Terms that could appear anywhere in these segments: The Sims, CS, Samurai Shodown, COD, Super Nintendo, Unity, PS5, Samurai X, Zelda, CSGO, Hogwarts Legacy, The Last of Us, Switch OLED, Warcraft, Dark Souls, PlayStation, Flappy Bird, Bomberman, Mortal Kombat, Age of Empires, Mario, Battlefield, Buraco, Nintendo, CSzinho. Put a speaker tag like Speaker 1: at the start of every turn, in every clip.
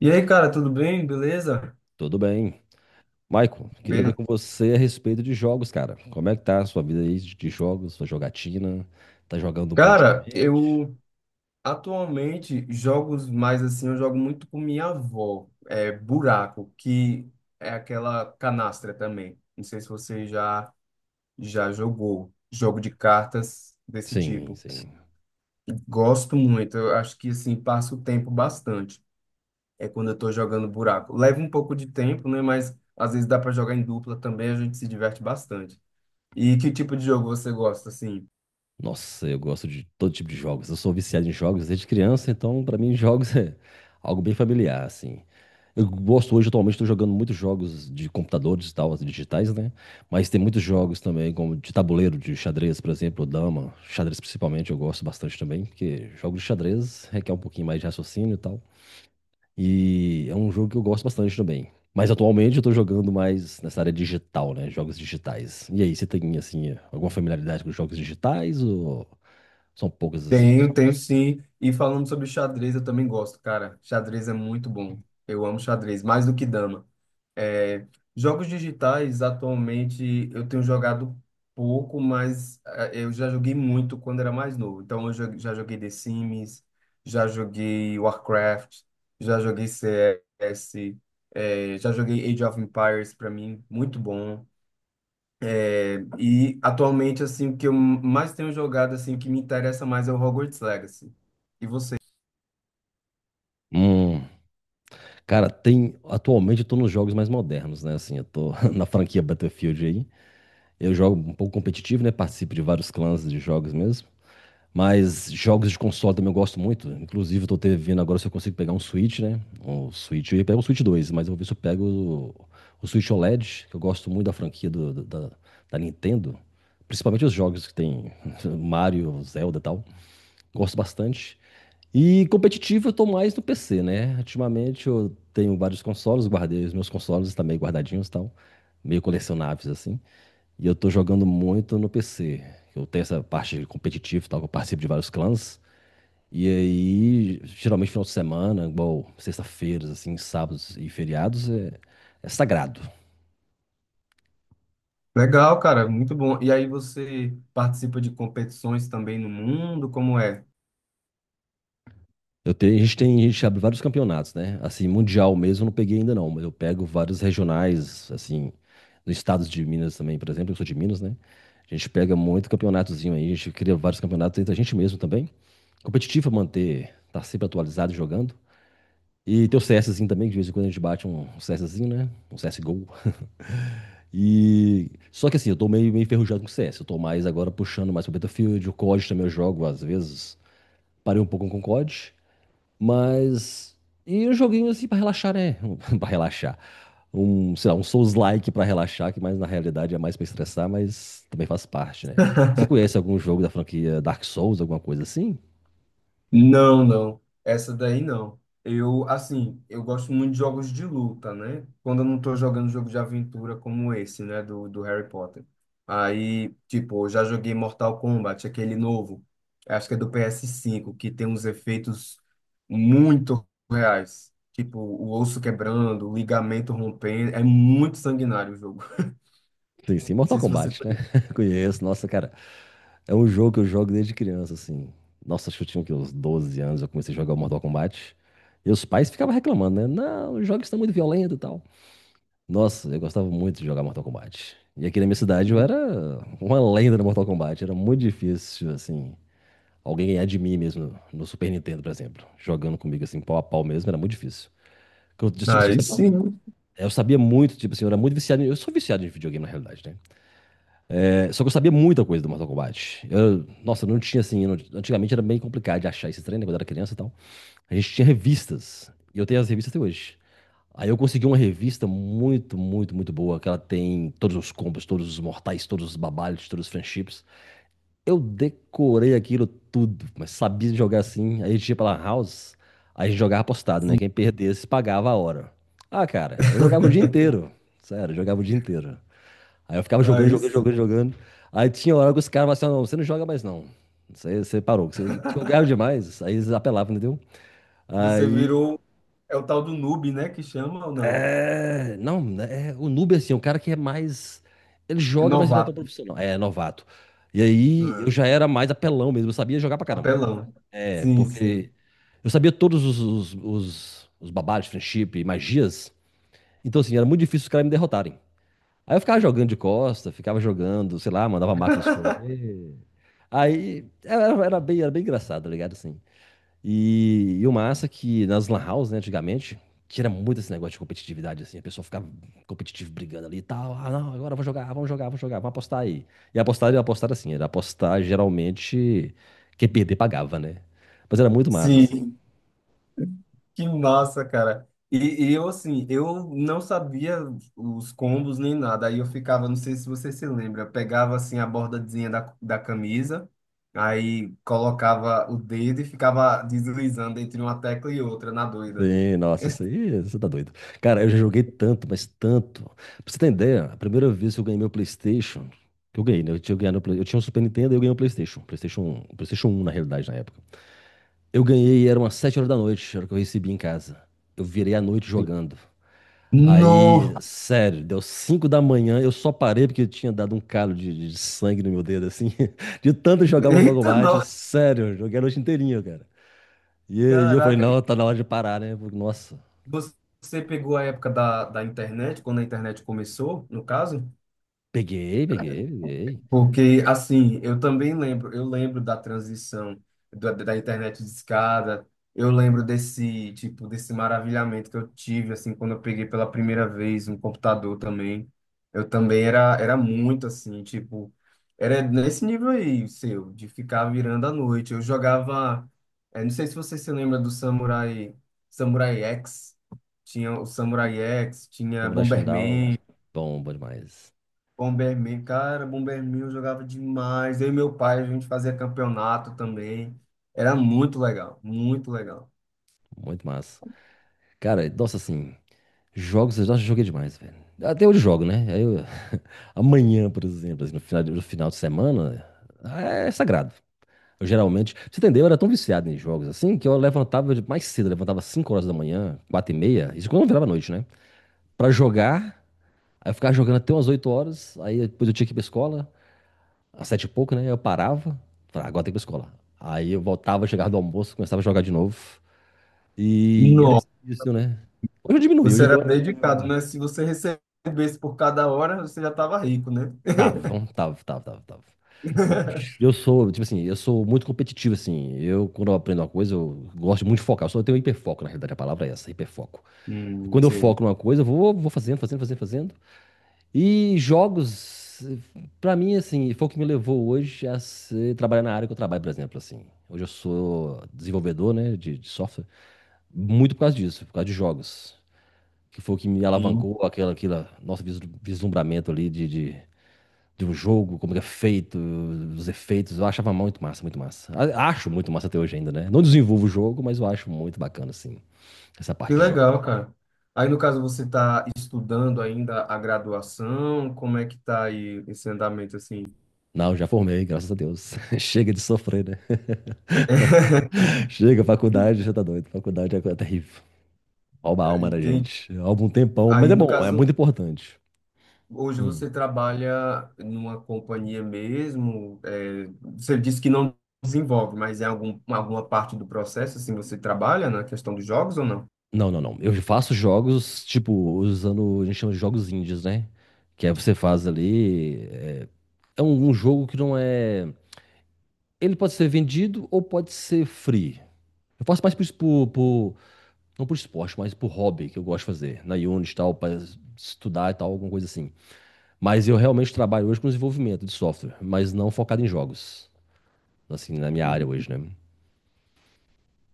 Speaker 1: E aí, cara, tudo bem? Beleza?
Speaker 2: Tudo bem. Michael, queria ver
Speaker 1: Beleza.
Speaker 2: com você a respeito de jogos, cara. Como é que tá a sua vida aí de jogos, sua jogatina? Tá jogando muito
Speaker 1: Cara,
Speaker 2: ultimamente?
Speaker 1: eu atualmente jogos mais assim, eu jogo muito com minha avó, é Buraco, que é aquela canastra também. Não sei se você já jogou jogo de cartas desse
Speaker 2: Sim,
Speaker 1: tipo.
Speaker 2: sim.
Speaker 1: Gosto muito, eu acho que assim passo o tempo bastante. É quando eu tô jogando Buraco. Leva um pouco de tempo, né, mas às vezes dá para jogar em dupla também, a gente se diverte bastante. E que tipo de jogo você gosta assim?
Speaker 2: Nossa, eu gosto de todo tipo de jogos. Eu sou viciado em jogos desde criança, então pra mim jogos é algo bem familiar, assim. Eu gosto hoje, atualmente, estou jogando muitos jogos de computadores e tal, assim, digitais, né? Mas tem muitos jogos também, como de tabuleiro, de xadrez, por exemplo, dama. Xadrez principalmente, eu gosto bastante também, porque jogos de xadrez requer um pouquinho mais de raciocínio e tal. E é um jogo que eu gosto bastante também. Mas atualmente eu tô jogando mais nessa área digital, né? Jogos digitais. E aí, você tem, assim, alguma familiaridade com jogos digitais ou são poucas, assim?
Speaker 1: Tenho, tenho sim. E falando sobre xadrez, eu também gosto, cara. Xadrez é muito bom. Eu amo xadrez, mais do que dama. É, jogos digitais, atualmente, eu tenho jogado pouco, mas eu já joguei muito quando era mais novo. Então, já joguei The Sims, já joguei Warcraft, já joguei CS, já joguei Age of Empires, para mim, muito bom. É, e atualmente, assim, o que eu mais tenho jogado, assim, que me interessa mais é o Hogwarts Legacy. E você?
Speaker 2: Hum, cara, tem. Atualmente eu tô nos jogos mais modernos, né? Assim, eu tô na franquia Battlefield aí. Eu jogo um pouco competitivo, né? Participo de vários clãs de jogos mesmo. Mas jogos de console também eu gosto muito. Inclusive, eu tô vendo agora se eu consigo pegar um Switch, né? Um Switch, eu ia pegar o Switch dois, mas eu vou ver se eu pego o Switch OLED, que eu gosto muito da franquia da Nintendo. Principalmente os jogos que tem Mario, Zelda e tal. Gosto bastante. E competitivo eu tô mais no PC, né? Ultimamente eu tenho vários consoles, guardei os meus consoles também guardadinhos e tal. Meio colecionáveis, assim. E eu tô jogando muito no PC. Eu tenho essa parte competitiva e tal, que eu participo de vários clãs. E aí, geralmente final de semana, igual sexta-feiras, assim, sábados e feriados, é sagrado.
Speaker 1: Legal, cara, muito bom. E aí você participa de competições também no mundo? Como é?
Speaker 2: Eu tenho, a gente tem, a gente abre vários campeonatos, né? Assim, mundial mesmo eu não peguei ainda não, mas eu pego vários regionais, assim, no estado de Minas também, por exemplo, eu sou de Minas, né? A gente pega muito campeonatozinho aí, a gente cria vários campeonatos entre a gente mesmo também. Competitivo é manter, tá sempre atualizado e jogando. E tem o CSzinho também, que de vez em quando a gente bate um CSzinho, né? Um CSGO. Só que assim, eu tô meio enferrujado com o CS. Eu tô mais agora puxando mais pro Battlefield. O COD também eu jogo, às vezes. Parei um pouco com o COD. Mas. E um joguinho assim pra relaxar, né? pra relaxar. Um, sei lá, um Souls-like pra relaxar, que mais na realidade é mais pra estressar, mas também faz parte, né? Você conhece algum jogo da franquia Dark Souls, alguma coisa assim?
Speaker 1: Não, não. Essa daí não. Eu, assim, eu gosto muito de jogos de luta, né? Quando eu não tô jogando jogo de aventura como esse, né? Do Harry Potter. Aí, tipo, eu já joguei Mortal Kombat, aquele novo. Acho que é do PS5, que tem uns efeitos muito reais. Tipo, o osso quebrando, o ligamento rompendo. É muito sanguinário o jogo.
Speaker 2: Sim, sim,
Speaker 1: Não
Speaker 2: Mortal
Speaker 1: sei se você...
Speaker 2: Kombat, né? Conheço, nossa, cara. É um jogo que eu jogo desde criança, assim. Nossa, acho que eu tinha o quê? Uns 12 anos, eu comecei a jogar o Mortal Kombat. E os pais ficavam reclamando, né? Não, os jogos estão muito violentos e tal. Nossa, eu gostava muito de jogar Mortal Kombat. E aqui na minha cidade eu era uma lenda no Mortal Kombat. Era muito difícil, assim, alguém ganhar de mim mesmo no Super Nintendo, por exemplo. Jogando comigo, assim, pau a pau mesmo, era muito difícil. Porque eu, tipo assim,
Speaker 1: Aí sim,
Speaker 2: eu sabia muito, tipo assim, eu era muito viciado. Eu sou viciado em videogame, na realidade, né? Só que eu sabia muita coisa do Mortal Kombat. Nossa, não tinha assim. Eu não- Antigamente era bem complicado de achar esse treino, né, quando eu era criança e tal. A gente tinha revistas. E eu tenho as revistas até hoje. Aí eu consegui uma revista muito, muito, muito boa, que ela tem todos os combos, todos os mortais, todos os babalhos, todos os friendships. Eu decorei aquilo tudo, mas sabia jogar assim. Aí a gente ia pra lan house, aí a gente jogava apostado, né? Quem perdesse pagava a hora. Ah, cara, eu jogava o dia inteiro. Sério, eu jogava o dia inteiro. Aí eu ficava
Speaker 1: aí sim.
Speaker 2: jogando. Aí tinha hora que os caras falavam assim, "Ah, não, você não joga mais não. Você parou." Você, tipo, eu ganhava demais. Aí eles apelavam, entendeu?
Speaker 1: Você
Speaker 2: Aí,
Speaker 1: virou. É o tal do noob, né? Que chama ou não?
Speaker 2: é... Não, né, é, o noob, é assim, é um cara que é mais... Ele
Speaker 1: É
Speaker 2: joga, mas ele não é tão
Speaker 1: novato.
Speaker 2: profissional. É, novato. E aí eu já
Speaker 1: Ah,
Speaker 2: era mais apelão mesmo. Eu sabia jogar pra caramba.
Speaker 1: apelão.
Speaker 2: É,
Speaker 1: Sim, sim.
Speaker 2: porque eu sabia todos os babados, friendship, magias. Então, assim, era muito difícil os caras me derrotarem. Aí eu ficava jogando de costa, ficava jogando, sei lá, mandava máquina escolher. Aí era bem engraçado, tá ligado? Assim. E o massa é que nas lan house, né, antigamente, tira muito esse negócio de competitividade, assim. A pessoa ficava competitiva brigando ali e tal. Ah, não, agora eu vou jogar, vamos jogar, vamos apostar aí. E apostar assim, era apostar geralmente quem perder pagava, né? Mas era muito massa, assim.
Speaker 1: Sim. Que massa, cara. E eu, assim, eu não sabia os combos nem nada. Aí eu ficava, não sei se você se lembra, pegava, assim, a bordazinha da camisa, aí colocava o dedo e ficava deslizando entre uma tecla e outra, na doida.
Speaker 2: Sim, nossa, isso aí, você tá doido. Cara, eu já joguei tanto, mas tanto. Pra você ter ideia, a primeira vez que eu ganhei meu PlayStation, que eu ganhei, né? Ganhado, eu tinha um Super Nintendo e eu ganhei um PlayStation. Um PlayStation um na realidade, na época. Eu ganhei, era umas 7 horas da noite, era o que eu recebi em casa. Eu virei à noite
Speaker 1: Sim.
Speaker 2: jogando.
Speaker 1: Nó!
Speaker 2: Aí, sério, deu 5 da manhã, eu só parei porque eu tinha dado um calo de sangue no meu dedo, assim, de tanto jogar Mortal
Speaker 1: Eita, nó!
Speaker 2: Kombat, sério, eu joguei a noite inteirinha, cara. E aí eu falei,
Speaker 1: Caraca.
Speaker 2: não, tá na hora de parar, né? Porque, nossa,
Speaker 1: Você pegou a época da internet, quando a internet começou, no caso?
Speaker 2: peguei, peguei.
Speaker 1: Porque, assim, eu também lembro, eu lembro da transição da internet de escada, eu lembro desse, tipo, desse maravilhamento que eu tive, assim, quando eu peguei pela primeira vez um computador também. Eu também era, era muito, assim, tipo, era nesse nível aí, seu, de ficar virando à noite. Eu jogava, não sei se você se lembra do Samurai, Samurai X, tinha o Samurai X, tinha
Speaker 2: Samurai Shodown,
Speaker 1: Bomberman,
Speaker 2: bom demais.
Speaker 1: Bomberman, cara, Bomberman eu jogava demais. Eu e meu pai, a gente fazia campeonato também. Era muito legal, muito legal.
Speaker 2: Muito massa. Cara, nossa, assim, jogos eu já joguei demais, velho. Até hoje eu jogo, né? Amanhã, por exemplo, assim, no final de semana, é sagrado. Eu geralmente, pra você entendeu? Eu era tão viciado em jogos assim que eu levantava mais cedo, eu levantava 5 horas da manhã, 4 e meia, isso quando virava noite, né? Pra jogar, aí eu ficava jogando até umas 8 horas, aí depois eu tinha que ir pra escola. Às sete e pouco, né? Eu parava, falava, "Ah, agora tem que ir pra escola." Aí eu voltava, chegava do almoço, começava a jogar de novo. E era
Speaker 1: Nossa,
Speaker 2: isso, né? Hoje eu diminui,
Speaker 1: você
Speaker 2: hoje eu
Speaker 1: era
Speaker 2: dou.
Speaker 1: dedicado, né? Se você recebesse por cada hora, você já estava rico, né?
Speaker 2: Tava, tava. Não, eu sou, tipo assim, eu sou muito competitivo, assim. Eu, quando eu aprendo uma coisa, eu gosto muito de focar. Eu só tenho hiperfoco, na realidade, a palavra é essa, hiperfoco. E quando eu
Speaker 1: Sim.
Speaker 2: foco numa coisa, eu vou, fazendo. E jogos, pra mim, assim, foi o que me levou hoje a trabalhar na área que eu trabalho, por exemplo, assim. Hoje eu sou desenvolvedor, né, de software, muito por causa disso, por causa de jogos, que foi o que me
Speaker 1: Sim.
Speaker 2: alavancou aquela, aquela nosso vislumbramento ali de um jogo, como que é feito, os efeitos, eu achava muito massa, muito massa. Acho muito massa até hoje ainda, né? Não desenvolvo o jogo, mas eu acho muito bacana, assim, essa
Speaker 1: Que
Speaker 2: parte de jogo.
Speaker 1: legal, cara. Aí, no caso, você está estudando ainda a graduação? Como é que tá aí esse andamento, assim?
Speaker 2: Não, já formei, graças a Deus. Chega de sofrer, né? Chega, faculdade, já tá doido. Faculdade é coisa terrível. Rouba a alma da
Speaker 1: Entende?
Speaker 2: gente. Há algum tempão, mas
Speaker 1: Aí,
Speaker 2: é
Speaker 1: no
Speaker 2: bom, é muito
Speaker 1: caso,
Speaker 2: importante.
Speaker 1: hoje
Speaker 2: Hum.
Speaker 1: você trabalha numa companhia mesmo, é, você disse que não desenvolve, mas em algum, alguma parte do processo, assim, você trabalha na questão dos jogos ou não?
Speaker 2: Não. Eu faço jogos, tipo, usando, a gente chama de jogos indies, né? Que é você faz ali. É é um, um jogo que não é. Ele pode ser vendido ou pode ser free. Eu faço mais por, por, não por esporte, mas por hobby que eu gosto de fazer. Na Unity e tal, para estudar e tal, alguma coisa assim. Mas eu realmente trabalho hoje com desenvolvimento de software, mas não focado em jogos. Assim, na minha área hoje, né?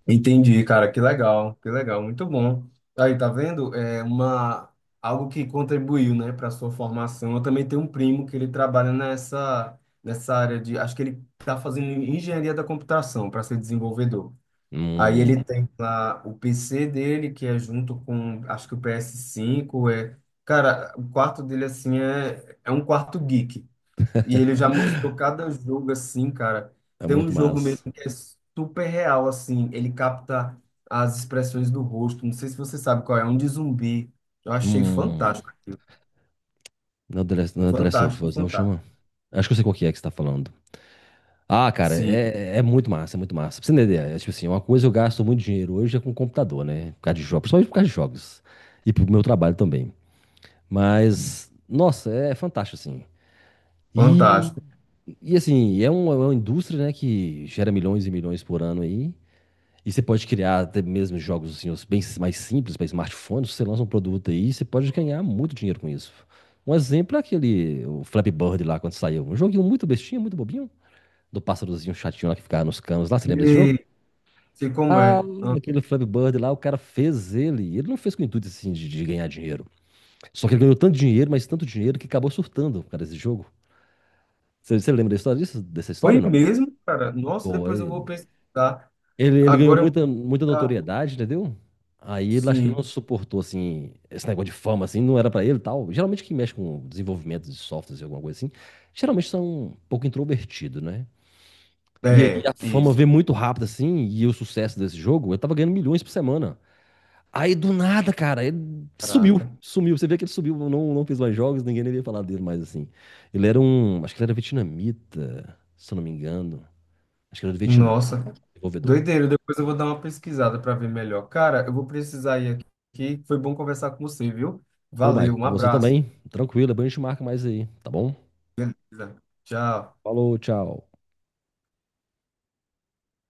Speaker 1: Entendi, cara, que legal, muito bom. Aí, tá vendo? É uma, algo que contribuiu, né, para sua formação. Eu também tenho um primo que ele trabalha nessa, nessa área de, acho que ele está fazendo engenharia da computação para ser desenvolvedor. Aí ele
Speaker 2: Hum.
Speaker 1: tem lá o PC dele, que é junto com, acho que o PS5, é... Cara, o quarto dele, assim, é, é um quarto geek. E ele já mostrou cada jogo, assim, cara.
Speaker 2: É
Speaker 1: Tem um
Speaker 2: muito
Speaker 1: jogo
Speaker 2: massa.
Speaker 1: mesmo que é super real, assim. Ele capta as expressões do rosto. Não sei se você sabe qual é, é um de zumbi. Eu achei
Speaker 2: Hum.
Speaker 1: fantástico aquilo.
Speaker 2: Não é The Last, não é The Last of
Speaker 1: Fantástico,
Speaker 2: Us, não
Speaker 1: fantástico.
Speaker 2: chama? Acho que eu sei qual que é que você tá falando. Ah, cara,
Speaker 1: Sim,
Speaker 2: é, é muito massa, é muito massa. Pra você entender, é tipo assim, uma coisa eu gasto muito dinheiro hoje é com computador, né? Por causa de jogos, principalmente por causa de jogos. E pro meu trabalho também. Mas, nossa, é fantástico, assim. E,
Speaker 1: fantástico.
Speaker 2: e assim, é uma indústria, né, que gera milhões e milhões por ano aí. E você pode criar até mesmo jogos assim, os bem mais simples para smartphone. Se você lança um produto aí, você pode ganhar muito dinheiro com isso. Um exemplo é aquele o Flappy Bird lá quando saiu. Um joguinho muito bestinho, muito bobinho. Do pásssarozinho chatinho lá que ficava nos canos lá. Você lembra desse jogo?
Speaker 1: E, sei como
Speaker 2: Ah,
Speaker 1: é.
Speaker 2: aquele Flappy Bird lá, o cara fez ele. Ele não fez com o intuito assim de ganhar dinheiro. Só que ele ganhou tanto dinheiro, mas tanto dinheiro que acabou surtando por causa desse jogo. Você lembra da história disso? Dessa história,
Speaker 1: Foi
Speaker 2: não?
Speaker 1: mesmo, cara? Nossa,
Speaker 2: Pô,
Speaker 1: depois eu vou pesquisar.
Speaker 2: Ele ganhou
Speaker 1: Agora eu
Speaker 2: muita
Speaker 1: vou...
Speaker 2: notoriedade, entendeu? Aí ele acho que ele não
Speaker 1: Sim,
Speaker 2: suportou, assim, esse negócio de fama, assim, não era pra ele e tal. Geralmente quem mexe com desenvolvimento de softwares e alguma coisa assim, geralmente são um pouco introvertido, né? E aí
Speaker 1: é,
Speaker 2: a fama
Speaker 1: isso.
Speaker 2: veio muito rápido, assim, e o sucesso desse jogo, eu tava ganhando milhões por semana. Aí do nada, cara, ele sumiu,
Speaker 1: Caraca.
Speaker 2: sumiu. Você vê que ele sumiu, não, não fez mais jogos, ninguém nem ia falar dele mais, assim. Ele era um, acho que ele era vietnamita, se eu não me engano. Acho que ele era do Vietnã,
Speaker 1: Nossa,
Speaker 2: desenvolvedor.
Speaker 1: doideira. Depois eu vou dar uma pesquisada para ver melhor. Cara, eu vou precisar ir aqui. Foi bom conversar com você, viu?
Speaker 2: Ô,
Speaker 1: Valeu,
Speaker 2: Michael,
Speaker 1: um
Speaker 2: com você
Speaker 1: abraço.
Speaker 2: também. Tranquilo, depois a gente marca mais aí, tá bom?
Speaker 1: Tchau.
Speaker 2: Falou, tchau.